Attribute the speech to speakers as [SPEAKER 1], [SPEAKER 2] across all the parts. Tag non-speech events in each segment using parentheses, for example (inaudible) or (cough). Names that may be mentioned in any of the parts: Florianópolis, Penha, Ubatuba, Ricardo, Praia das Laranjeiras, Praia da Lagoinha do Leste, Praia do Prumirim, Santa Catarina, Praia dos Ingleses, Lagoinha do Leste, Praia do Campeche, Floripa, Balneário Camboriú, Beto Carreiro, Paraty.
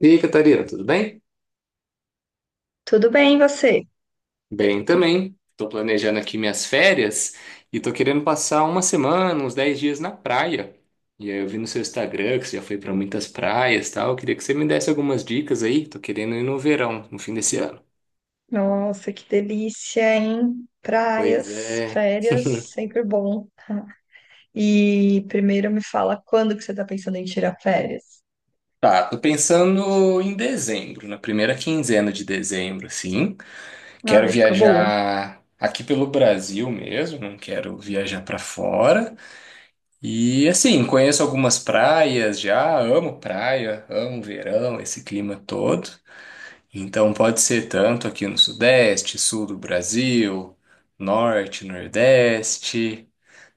[SPEAKER 1] E aí, Catarina, tudo bem?
[SPEAKER 2] Tudo bem, e você?
[SPEAKER 1] Bem também. Estou planejando aqui minhas férias e estou querendo passar uma semana, uns 10 dias na praia. E aí eu vi no seu Instagram que você já foi para muitas praias e tal. Eu queria que você me desse algumas dicas aí. Estou querendo ir no verão, no fim desse ano.
[SPEAKER 2] Nossa, que delícia, hein?
[SPEAKER 1] Pois
[SPEAKER 2] Praias,
[SPEAKER 1] é.
[SPEAKER 2] férias, sempre bom. E primeiro me fala quando que você tá pensando em tirar férias?
[SPEAKER 1] Tá, tô pensando em dezembro, na primeira quinzena de dezembro, assim. Quero
[SPEAKER 2] Ah, época boa.
[SPEAKER 1] viajar aqui pelo Brasil mesmo, não quero viajar para fora. E assim, conheço algumas praias já, amo praia, amo verão, esse clima todo. Então pode ser tanto aqui no Sudeste, Sul do Brasil, Norte, Nordeste.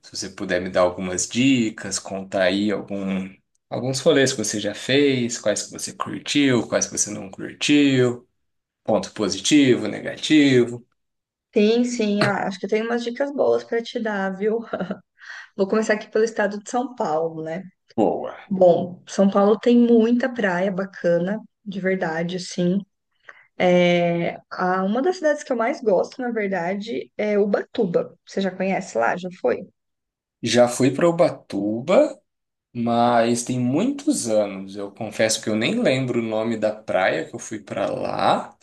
[SPEAKER 1] Se você puder me dar algumas dicas, contar aí algum, alguns rolês que você já fez, quais que você curtiu, quais que você não curtiu, ponto positivo, negativo.
[SPEAKER 2] Sim, sim, ah, acho que eu tenho umas dicas boas para te dar, viu? Vou começar aqui pelo estado de São Paulo, né?
[SPEAKER 1] Boa.
[SPEAKER 2] Bom, São Paulo tem muita praia bacana, de verdade, assim. É, uma das cidades que eu mais gosto, na verdade, é Ubatuba. Você já conhece lá? Já foi?
[SPEAKER 1] Já fui para Ubatuba, mas tem muitos anos, eu confesso que eu nem lembro o nome da praia que eu fui pra lá.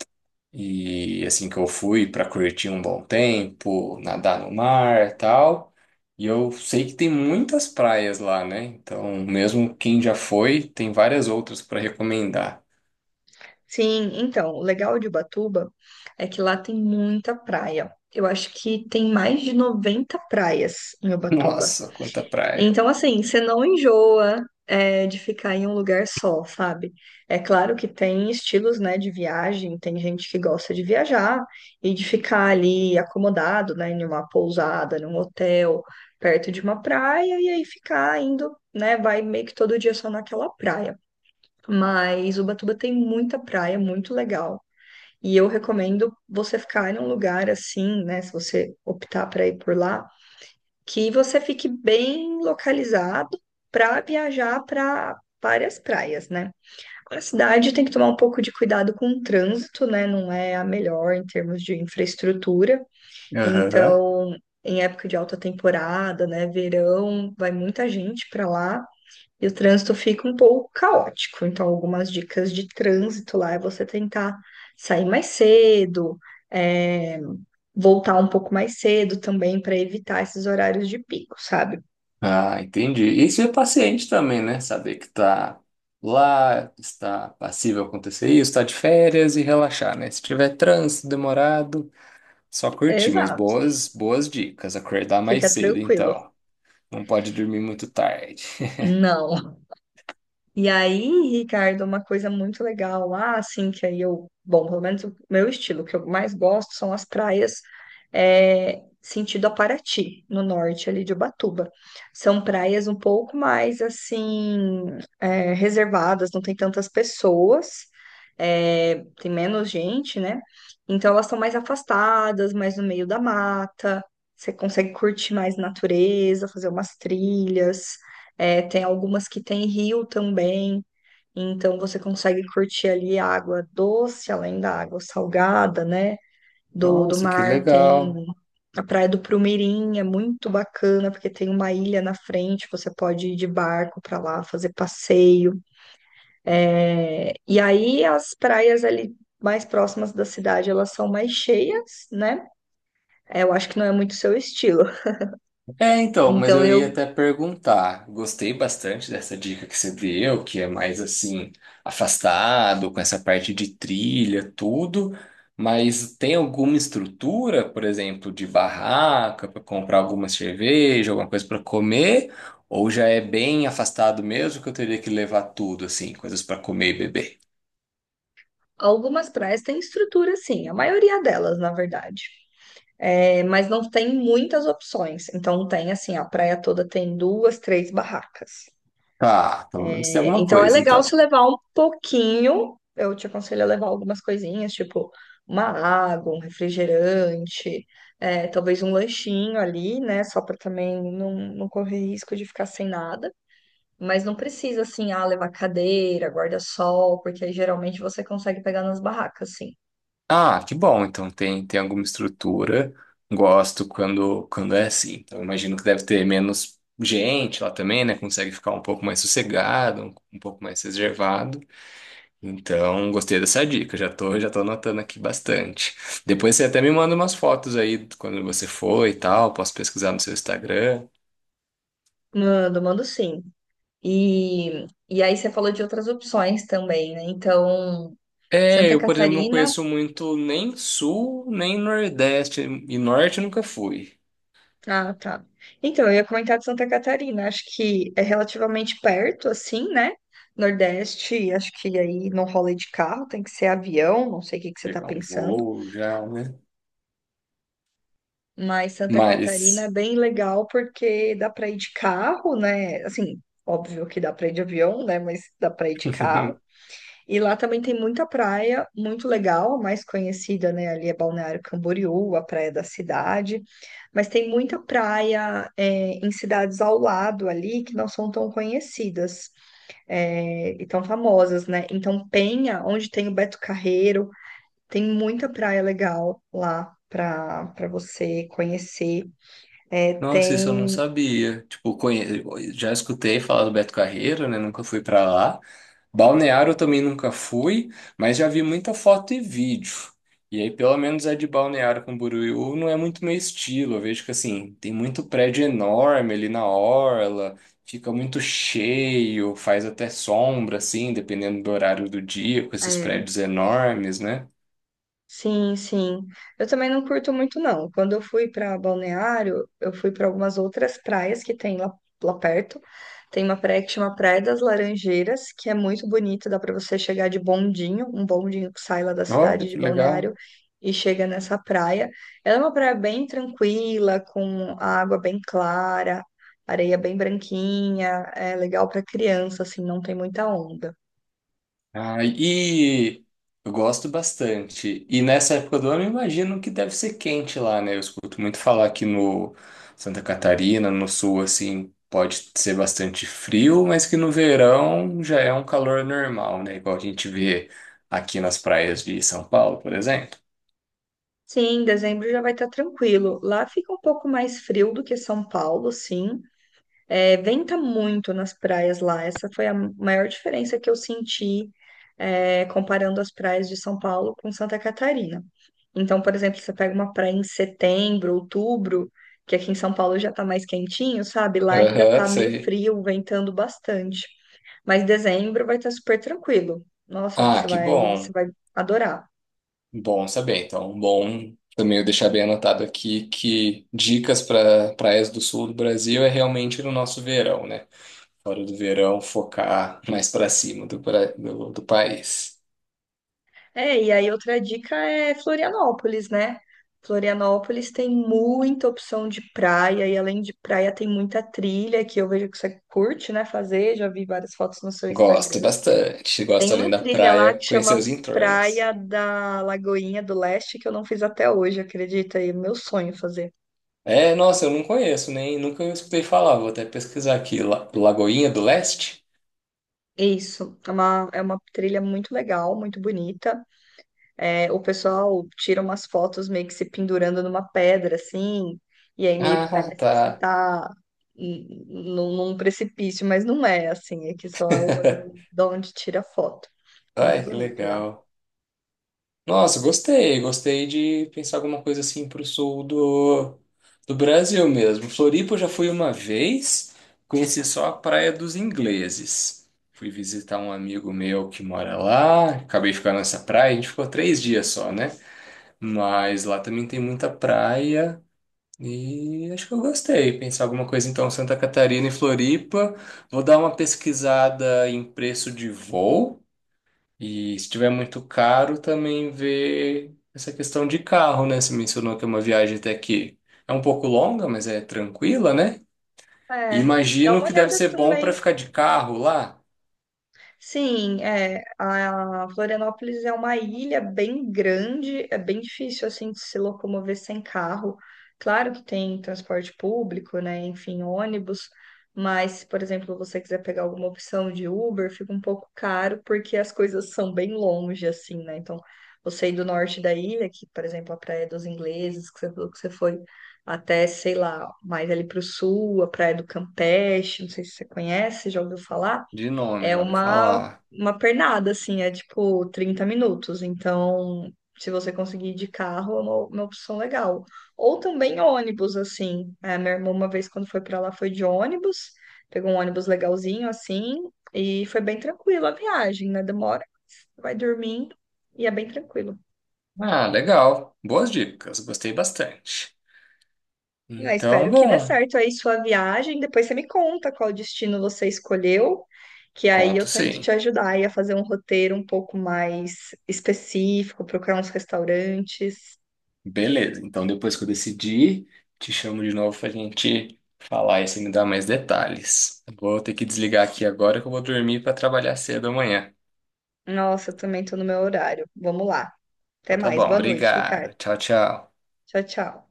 [SPEAKER 1] E assim que eu fui pra curtir um bom tempo, nadar no mar, e tal. E eu sei que tem muitas praias lá, né? Então, mesmo quem já foi, tem várias outras pra recomendar.
[SPEAKER 2] Sim, então, o legal de Ubatuba é que lá tem muita praia. Eu acho que tem mais de 90 praias em
[SPEAKER 1] (laughs)
[SPEAKER 2] Ubatuba.
[SPEAKER 1] Nossa, quanta praia.
[SPEAKER 2] Então, assim, você não enjoa, é, de ficar em um lugar só, sabe? É claro que tem estilos, né, de viagem, tem gente que gosta de viajar e de ficar ali acomodado, né, em uma pousada, num hotel, perto de uma praia, e aí ficar indo, né, vai meio que todo dia só naquela praia. Mas Ubatuba tem muita praia, muito legal. E eu recomendo você ficar em um lugar assim, né? Se você optar para ir por lá, que você fique bem localizado para viajar para várias praias, né? A cidade tem que tomar um pouco de cuidado com o trânsito, né? Não é a melhor em termos de infraestrutura.
[SPEAKER 1] Aham.
[SPEAKER 2] Então, em época de alta temporada, né? Verão, vai muita gente para lá. E o trânsito fica um pouco caótico. Então, algumas dicas de trânsito lá é você tentar sair mais cedo, é, voltar um pouco mais cedo também para evitar esses horários de pico, sabe?
[SPEAKER 1] Ah, entendi. Isso é paciente também, né? Saber que tá lá, está passível acontecer isso, está de férias e relaxar, né? Se tiver trânsito demorado, só curtir, mas
[SPEAKER 2] Exato.
[SPEAKER 1] boas, boas dicas. Acordar mais
[SPEAKER 2] Fica
[SPEAKER 1] cedo,
[SPEAKER 2] tranquilo.
[SPEAKER 1] então. Não pode dormir muito tarde.
[SPEAKER 2] Não. E aí, Ricardo, uma coisa muito legal lá, assim, que aí eu, bom, pelo menos o meu estilo, o que eu mais gosto são as praias, é, sentido a Paraty, no norte ali de Ubatuba. São praias um pouco mais, assim, é, reservadas, não tem tantas pessoas, é, tem menos gente, né? Então elas são mais afastadas, mais no meio da mata, você consegue curtir mais natureza, fazer umas trilhas. É, tem algumas que tem rio também, então você consegue curtir ali a água doce, além da água salgada, né? Do
[SPEAKER 1] Nossa, que
[SPEAKER 2] mar, tem
[SPEAKER 1] legal.
[SPEAKER 2] a Praia do Prumirim, é muito bacana, porque tem uma ilha na frente, você pode ir de barco para lá, fazer passeio. É, e aí as praias ali mais próximas da cidade, elas são mais cheias, né? É, eu acho que não é muito seu estilo.
[SPEAKER 1] É, então, mas
[SPEAKER 2] Então,
[SPEAKER 1] eu ia até perguntar. Gostei bastante dessa dica que você deu, que é mais assim, afastado, com essa parte de trilha, tudo. Mas tem alguma estrutura, por exemplo, de barraca para comprar alguma cerveja, alguma coisa para comer? Ou já é bem afastado mesmo que eu teria que levar tudo, assim, coisas para comer e beber?
[SPEAKER 2] algumas praias têm estrutura, sim, a maioria delas, na verdade. É, mas não tem muitas opções. Então tem assim, a praia toda tem duas, três barracas.
[SPEAKER 1] Tá, pelo menos tem
[SPEAKER 2] É,
[SPEAKER 1] alguma
[SPEAKER 2] então é
[SPEAKER 1] coisa,
[SPEAKER 2] legal se
[SPEAKER 1] então.
[SPEAKER 2] levar um pouquinho. Eu te aconselho a levar algumas coisinhas, tipo uma água, um refrigerante, é, talvez um lanchinho ali, né? Só para também não, não correr risco de ficar sem nada. Mas não precisa assim, ah, levar cadeira, guarda-sol, porque aí geralmente você consegue pegar nas barracas, sim.
[SPEAKER 1] Ah, que bom. Então tem, tem alguma estrutura. Gosto quando, quando é assim. Então imagino que deve ter menos gente lá também, né? Consegue ficar um pouco mais sossegado, um pouco mais reservado. Então gostei dessa dica. Já tô anotando aqui bastante. Depois você até me manda umas fotos aí de quando você foi e tal. Posso pesquisar no seu Instagram.
[SPEAKER 2] Mando, mando sim. E aí você falou de outras opções também, né? Então,
[SPEAKER 1] É,
[SPEAKER 2] Santa
[SPEAKER 1] eu, por exemplo, não
[SPEAKER 2] Catarina.
[SPEAKER 1] conheço muito nem sul, nem nordeste. E norte eu nunca fui.
[SPEAKER 2] Ah, tá. Então, eu ia comentar de Santa Catarina. Acho que é relativamente perto, assim, né? Nordeste, acho que aí não rola de carro, tem que ser avião, não sei o que que você tá
[SPEAKER 1] Pegar um
[SPEAKER 2] pensando.
[SPEAKER 1] voo já, né?
[SPEAKER 2] Mas Santa Catarina é
[SPEAKER 1] Mas.
[SPEAKER 2] bem legal porque dá para ir de carro, né? Assim, óbvio que dá para ir de avião, né? Mas dá para ir de carro.
[SPEAKER 1] (laughs)
[SPEAKER 2] E lá também tem muita praia, muito legal, a mais conhecida, né? Ali é Balneário Camboriú, a praia da cidade. Mas tem muita praia, é, em cidades ao lado ali que não são tão conhecidas, é, e tão famosas, né? Então, Penha, onde tem o Beto Carreiro, tem muita praia legal lá para você conhecer. É,
[SPEAKER 1] Nossa, isso eu não
[SPEAKER 2] tem
[SPEAKER 1] sabia. Tipo, conhe... já escutei falar do Beto Carreiro, né? Nunca fui pra lá. Balneário eu também nunca fui, mas já vi muita foto e vídeo. E aí, pelo menos é de Balneário Camboriú não é muito meu estilo. Eu vejo que, assim, tem muito prédio enorme ali na orla, fica muito cheio, faz até sombra, assim, dependendo do horário do dia, com esses
[SPEAKER 2] é,
[SPEAKER 1] prédios enormes, né?
[SPEAKER 2] sim, sim. Eu também não curto muito, não. Quando eu fui para Balneário, eu fui para algumas outras praias que tem lá, perto. Tem uma praia que chama Praia das Laranjeiras, que é muito bonita, dá para você chegar de bondinho, um bondinho que sai lá da cidade
[SPEAKER 1] Olha,
[SPEAKER 2] de
[SPEAKER 1] que legal.
[SPEAKER 2] Balneário e chega nessa praia. Ela é uma praia bem tranquila, com a água bem clara, areia bem branquinha, é legal para criança, assim, não tem muita onda.
[SPEAKER 1] Ah, e eu gosto bastante. E nessa época do ano, eu imagino que deve ser quente lá, né? Eu escuto muito falar que no Santa Catarina, no sul, assim, pode ser bastante frio, mas que no verão já é um calor normal, né? Igual a gente vê aqui nas praias de São Paulo, por exemplo.
[SPEAKER 2] Sim, dezembro já vai estar tranquilo. Lá fica um pouco mais frio do que São Paulo, sim. É, venta muito nas praias lá. Essa foi a maior diferença que eu senti, é, comparando as praias de São Paulo com Santa Catarina. Então, por exemplo, você pega uma praia em setembro, outubro, que aqui em São Paulo já tá mais quentinho, sabe? Lá ainda
[SPEAKER 1] Aham,
[SPEAKER 2] tá meio
[SPEAKER 1] sei.
[SPEAKER 2] frio, ventando bastante. Mas dezembro vai estar super tranquilo. Nossa,
[SPEAKER 1] Ah,
[SPEAKER 2] você
[SPEAKER 1] que
[SPEAKER 2] vai, você
[SPEAKER 1] bom.
[SPEAKER 2] vai adorar.
[SPEAKER 1] Bom saber. Então, bom também eu deixar bem anotado aqui que dicas para praias do sul do Brasil é realmente no nosso verão, né? Fora do verão, focar mais para cima do, do país.
[SPEAKER 2] É, e aí outra dica é Florianópolis, né? Florianópolis tem muita opção de praia, e além de praia, tem muita trilha que eu vejo que você curte, né? Fazer, já vi várias fotos no seu
[SPEAKER 1] Gosto
[SPEAKER 2] Instagram.
[SPEAKER 1] bastante. Gosto,
[SPEAKER 2] Tem
[SPEAKER 1] além
[SPEAKER 2] uma
[SPEAKER 1] da
[SPEAKER 2] trilha lá
[SPEAKER 1] praia,
[SPEAKER 2] que
[SPEAKER 1] conhecer
[SPEAKER 2] chama
[SPEAKER 1] os entornos.
[SPEAKER 2] Praia da Lagoinha do Leste, que eu não fiz até hoje, acredita? E é meu sonho fazer.
[SPEAKER 1] É, nossa, eu não conheço, nem nunca eu escutei falar. Vou até pesquisar aqui. Lagoinha do Leste?
[SPEAKER 2] Isso, é uma trilha muito legal, muito bonita. É, o pessoal tira umas fotos meio que se pendurando numa pedra, assim, e aí meio que
[SPEAKER 1] Ah,
[SPEAKER 2] parece que
[SPEAKER 1] tá.
[SPEAKER 2] você tá num precipício, mas não é, assim, é que só é o ângulo
[SPEAKER 1] (laughs)
[SPEAKER 2] de onde tira a foto.
[SPEAKER 1] Ai,
[SPEAKER 2] Muito
[SPEAKER 1] que
[SPEAKER 2] bonito lá.
[SPEAKER 1] legal. Nossa, gostei. Gostei de pensar alguma coisa assim pro sul do Brasil mesmo. Floripa eu já fui uma vez, conheci só a Praia dos Ingleses. Fui visitar um amigo meu que mora lá, acabei ficando nessa praia, a gente ficou 3 dias só, né? Mas lá também tem muita praia e acho que eu gostei. Pensar alguma coisa então, Santa Catarina e Floripa. Vou dar uma pesquisada em preço de voo. E se tiver muito caro, também ver essa questão de carro, né? Você mencionou que é uma viagem até que é um pouco longa, mas é tranquila, né? E
[SPEAKER 2] É, dá
[SPEAKER 1] imagino
[SPEAKER 2] uma
[SPEAKER 1] que deve
[SPEAKER 2] olhada
[SPEAKER 1] ser bom para
[SPEAKER 2] também
[SPEAKER 1] ficar de carro lá.
[SPEAKER 2] sim, é, a Florianópolis é uma ilha bem grande, é bem difícil assim de se locomover sem carro. Claro que tem transporte público, né, enfim, ônibus, mas se, por exemplo, você quiser pegar alguma opção de Uber, fica um pouco caro porque as coisas são bem longe assim, né? Então, você ir do norte da ilha, que, por exemplo, a Praia dos Ingleses, que você falou que você foi até, sei lá, mais ali para o sul, a Praia do Campeche, não sei se você conhece, já ouviu falar?
[SPEAKER 1] De nome,
[SPEAKER 2] É
[SPEAKER 1] já ouvi
[SPEAKER 2] uma,
[SPEAKER 1] falar.
[SPEAKER 2] uma pernada, assim, é tipo 30 minutos. Então, se você conseguir ir de carro, é uma opção legal. Ou também ônibus, assim. É, minha irmã, uma vez quando foi pra lá, foi de ônibus, pegou um ônibus legalzinho, assim, e foi bem tranquilo a viagem, né? Demora, vai dormindo e é bem tranquilo.
[SPEAKER 1] Ah, legal. Boas dicas, gostei bastante.
[SPEAKER 2] Ah,
[SPEAKER 1] Então,
[SPEAKER 2] espero que dê
[SPEAKER 1] bom,
[SPEAKER 2] certo aí sua viagem. Depois você me conta qual destino você escolheu, que aí eu
[SPEAKER 1] conto
[SPEAKER 2] tento
[SPEAKER 1] sim.
[SPEAKER 2] te ajudar aí a fazer um roteiro um pouco mais específico, procurar uns restaurantes.
[SPEAKER 1] Beleza, então depois que eu decidir, te chamo de novo pra gente falar e você me dar mais detalhes. Vou ter que desligar aqui agora que eu vou dormir para trabalhar cedo amanhã.
[SPEAKER 2] Nossa, eu também tô no meu horário. Vamos lá. Até
[SPEAKER 1] Então tá
[SPEAKER 2] mais.
[SPEAKER 1] bom,
[SPEAKER 2] Boa noite,
[SPEAKER 1] obrigado.
[SPEAKER 2] Ricardo.
[SPEAKER 1] Tchau, tchau.
[SPEAKER 2] Tchau, tchau.